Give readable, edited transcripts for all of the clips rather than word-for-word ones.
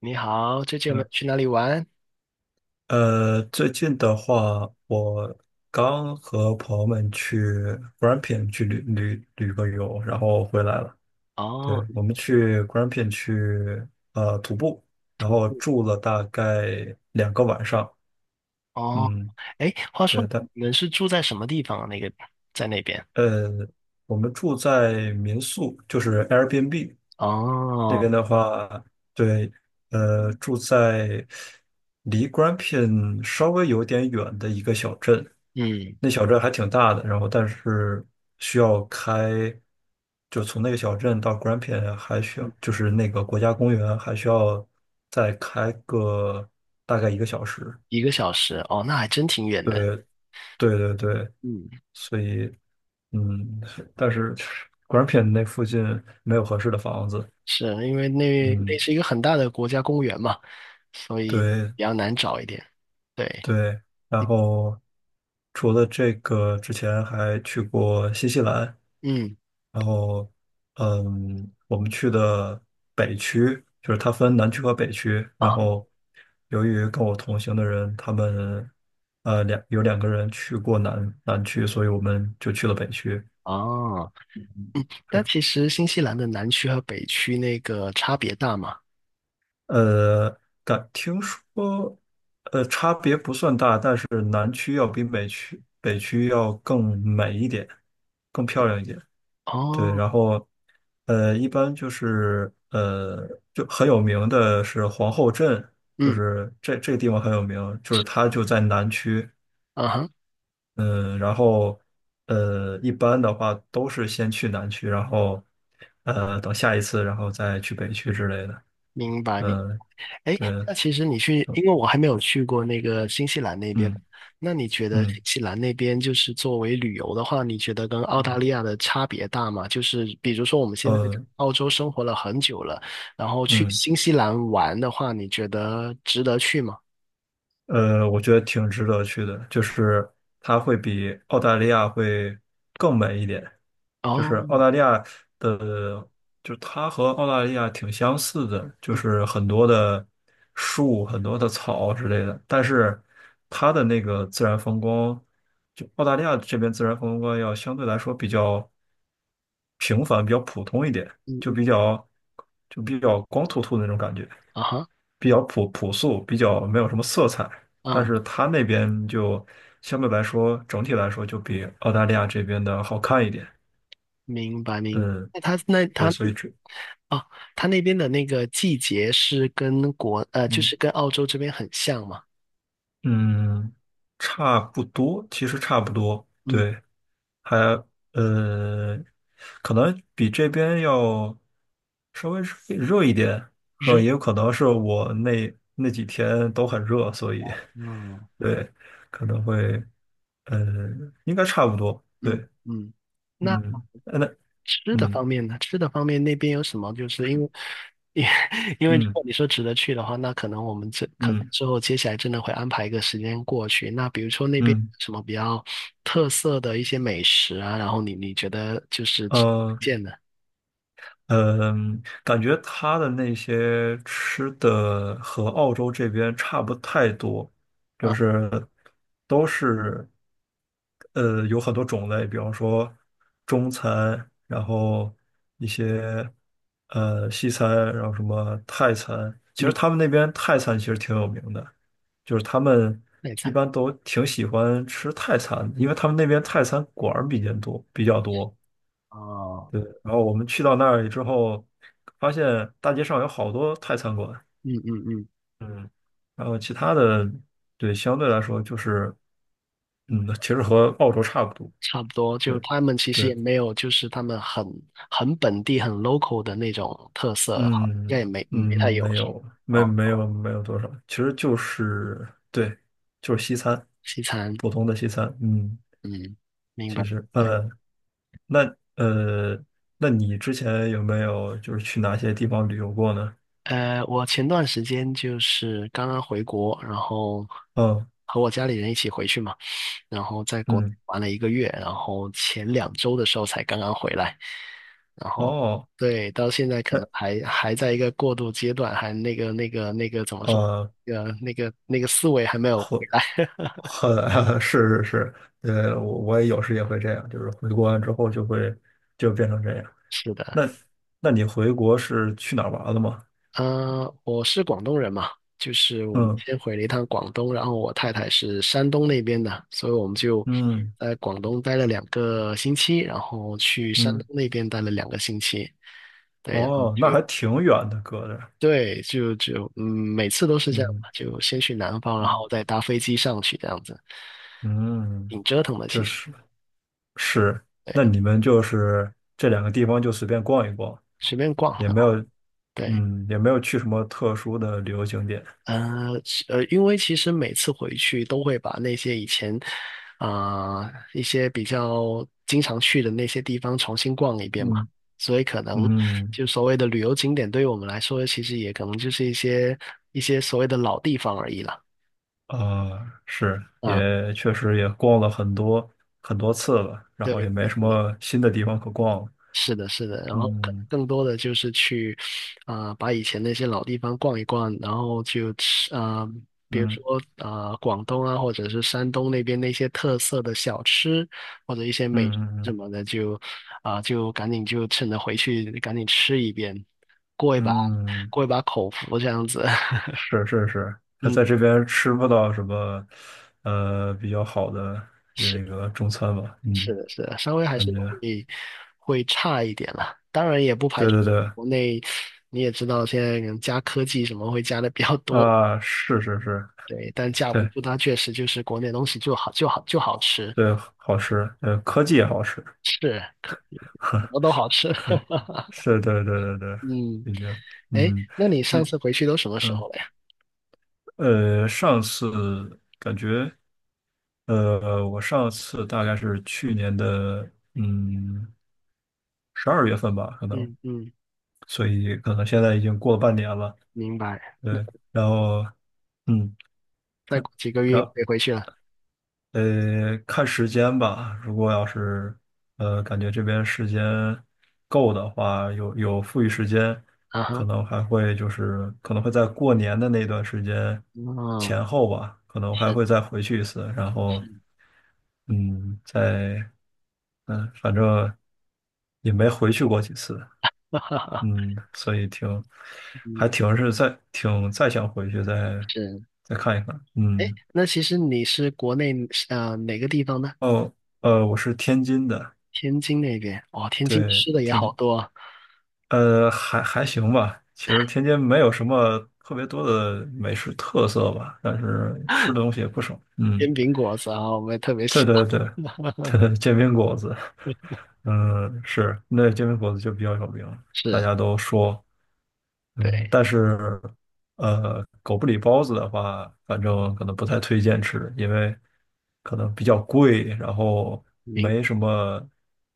你好，最近有你没有们去哪里玩？最近的话，我刚和朋友们去 Grampian 去旅个游，然后回来了。哦，对，我们去 Grampian 去徒步，然徒后步。住了大概2个晚上。哦，嗯，哎，话对，说但你们是住在什么地方啊？那个在那边？呃，我们住在民宿，就是 Airbnb。那哦，边的话，对，住在离 Grampian 稍微有点远的一个小镇，嗯，那小镇还挺大的，然后但是需要开，就从那个小镇到 Grampian 还需要，就是那个国家公园还需要再开个大概1个小时。一个小时。哦，那还真挺远的。对，对对对，嗯，所以嗯，但是 Grampian 那附近没有合适的房子，是因为那嗯。是一个很大的国家公园嘛，所以对，比较难找一点。对，对，然后除了这个，之前还去过新西兰，嗯，然后我们去的北区，就是它分南区和北区，然啊，后由于跟我同行的人，他们有两个人去过南区，所以我们就去了北区。哦，但其实新西兰的南区和北区那个差别大嘛。呃，但听说，差别不算大，但是南区要比北区要更美一点，更漂亮一点。对，哦，然后一般就是就很有名的是皇后镇，就嗯，是这个地方很有名，就是它就在南区，嗯哼，嗯，然后一般的话都是先去南区，然后等下一次，然后再去北区之类的，明白明嗯，白。哎，对，那其实你去，因为我还没有去过那个新西兰那边，嗯那你觉得新嗯西兰那边就是作为旅游的话，你觉得跟澳大嗯利亚的差别大吗？就是比如说我们现在在呃嗯。澳洲生活了很久了，然后去嗯新西兰玩的话，你觉得值得去吗？我觉得挺值得去的，就是它会比澳大利亚会更美一点。就是哦，澳大利亚的，就是它和澳大利亚挺相似的，就嗯是很多的树、很多的草之类的，但是它的那个自然风光，就澳大利亚这边自然风光要相对来说比较平凡、比较普通一点，嗯就嗯，比较就比较光秃秃的那种感觉。啊哈，比较朴素，比较没有什么色彩，但啊，是它那边就相对来说，整体来说就比澳大利亚这边的好看一点。明白。嗯，那他那对，他所以这，哦，他那边的那个季节是就嗯是跟澳洲这边很像吗？嗯，差不多，其实差不多，嗯，对，还呃，可能比这边要稍微热一点，可热，也有可能是我那几天都很热，所以嗯。对，可能会，呃，应该差不多，嗯对。嗯，那嗯，那吃的嗯方面呢？吃的方面那边有什么？就是因为，因 因为如嗯果你说值得去的话，那可能我们这可能嗯之后接下来真的会安排一个时间过去。那比如说那边嗯，有什么比较特色的一些美食啊，然后你觉得就是值得呃，推荐的嗯，感觉他的那些吃的和澳洲这边差不太多，就啊？是都是有很多种类，比方说中餐，然后一些西餐，然后什么泰餐。其实嗯，他们那边泰餐其实挺有名的，就是他们内一菜般都挺喜欢吃泰餐因为他们那边泰餐馆儿比较多，比较多。哦，对，然后我们去到那里之后，发现大街上有好多泰餐馆，嗯嗯嗯，嗯然后其他的，对，相对来说就是，其实和澳洲差不多，差不多。就对，他们其实也对，没有，就是他们很很本地、很 local 的那种特色，应该嗯也没嗯，没太有没什么有，没哦，没有没有多少，其实就是对，就是西餐，西餐。普通的西餐，嗯，明白。其实，那呃，那你之前有没有就是去哪些地方旅游过呢？呃，我前段时间就是刚刚回国，然后嗯和我家里人一起回去嘛，然后在国内嗯，玩了一个月，然后前两周的时候才刚刚回来，然后哦。对，到现在可能那。还在一个过渡阶段，还那个怎么说，呃，那个思维还没有回会来。是是是，我也有时也会这样，就是回国完之后就会就变成这样。是的。那那你回国是去哪儿玩了吗？我是广东人嘛，就是我们嗯先回了一趟广东，然后我太太是山东那边的，所以我们就嗯在广东待了两个星期，然后去山东嗯，那边待了两个星期。对哦，那还挺远的，隔着，对，就嗯，每次都是这样嗯嘛就先去南方，然后嗯再搭飞机上去，这样子嗯，挺折腾的，就其实。是是，那对，你们就是这两个地方就随便逛一逛，随便逛，也然没有后对。也没有去什么特殊的旅游景点，因为其实每次回去都会把那些以前啊、一些比较经常去的那些地方重新逛一遍嘛，嗯所以可能嗯。就所谓的旅游景点，对于我们来说，其实也可能就是一些所谓的老地方而已了。啊，是，啊，也确实也逛了很多很多次了，然对后也对没什对，么新的地方可逛了。是的，是的，然后可能嗯更多的就是去，啊、把以前那些老地方逛一逛，然后就吃，啊、比如嗯说啊、广东啊，或者是山东那边那些特色的小吃，或者一些美食嗯什嗯么的，就啊、就赶紧就趁着回去赶紧吃一遍，过一把嗯，过一把口福这样子，是是是，他嗯。在这边吃不到什么比较好的那是。个中餐吧？是嗯，的，是的，稍微还感是觉会会差一点了。当然也不排对除对对国内，你也知道现在可能加科技什么会加的比较多，啊，是是是，对，但架不对住它确实就是国内东西就好吃，对，好吃，科技也好吃，是，可什呵，么都好吃。可以 是，对对对对对，嗯，已经，哎，嗯，那你那上次回去都什么时嗯。候了呀？上次感觉，我上次大概是去年的，嗯，12月份吧，可能，嗯嗯，所以可能现在已经过了半年了，明白。那对，然后，嗯，再过几个月又然。可以回去了。看时间吧。如果要是感觉这边时间够的话，有富裕时间，啊哈，可能会在过年的那段时间哦，前后吧，可能还是会再回去一次。然后，是，嗯，在反正也没回去过几次，哈哈哈，嗯，所以挺还嗯挺是再挺再想回去再是。再看一看，哎，嗯，那其实你是国内哪个地方呢？哦，我是天津的。天津那边，哦，天津对，吃的也天好津，多啊还行吧。其实天津没有什么特别多的美食特色吧，但是吃的东西也不少。嗯。煎饼果子啊，我也特别对喜对对，欢。对煎饼果子，嗯，是，那煎饼果子就比较有名，大是，家都说，嗯，对，但是，狗不理包子的话，反正可能不太推荐吃，因为可能比较贵，然后明，没什么，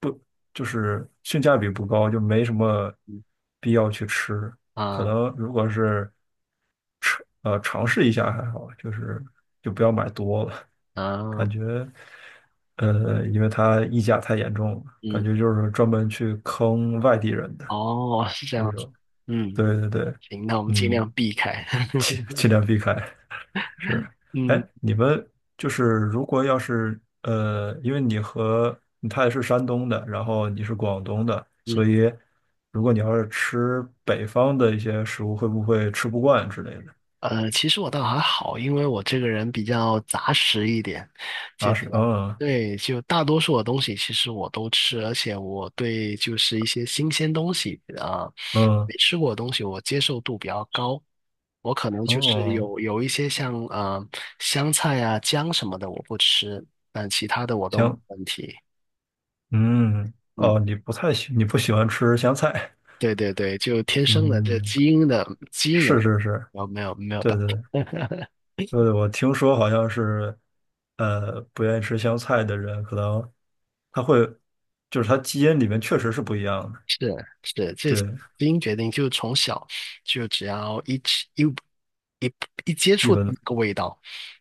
不，就是性价比不高，就没什么嗯必要去吃。可啊能如果是尝试一下还好，就是就不要买多了，啊，感觉，因为它溢价太严重了，感嗯，觉就是专门去坑外地人的哦，是这这样子，种。嗯，对对对，行，那我们尽嗯，量避开。尽 尽量避开。是，嗯哎，你们就是如果要是因为你和他也是山东的，然后你是广东的，所嗯，以如果你要是吃北方的一些食物，会不会吃不惯之类的？其实我倒还好，因为我这个人比较杂食一点，就啊，是，比较嗯对，就大多数的东西其实我都吃，而且我对就是一些新鲜东西啊，嗯。没吃过的东西我接受度比较高。我可能就是哦，有一些像香菜啊、姜什么的我不吃，但其他的我都没行，问题。嗯，嗯，哦，你不喜欢吃香菜，对对对，就天生的这嗯，基因的基因是我是是，我没有对办对对，对，我听说好像是，不愿意吃香菜的人，可能他会，就是他基因里面确实是不一样的，是是，这是对，基因决定，就从小就只要一吃一一一接一触到闻，那个味道，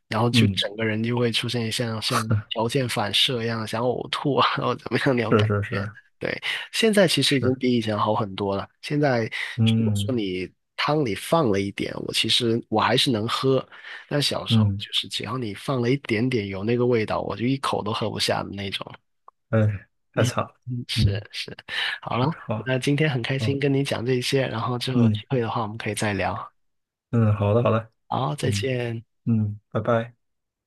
然后就嗯，整个人就会出现像条件反射一样，想呕吐啊，或者怎么样那种是感是觉。是对，现在其实已经是，比以前好很多了。现在如果说嗯你汤里放了一点，我其实还是能喝，但小时候嗯，就是只要你放了一点点有那个味道，我就一口都喝不下的那种。哎，太嗯，惨了，嗯嗯，是是，好是，了，好，那今天很开好，心跟你讲这些，然后之后有机嗯会的话我们可以再聊。嗯，好的好的，好，再嗯见。嗯，拜拜。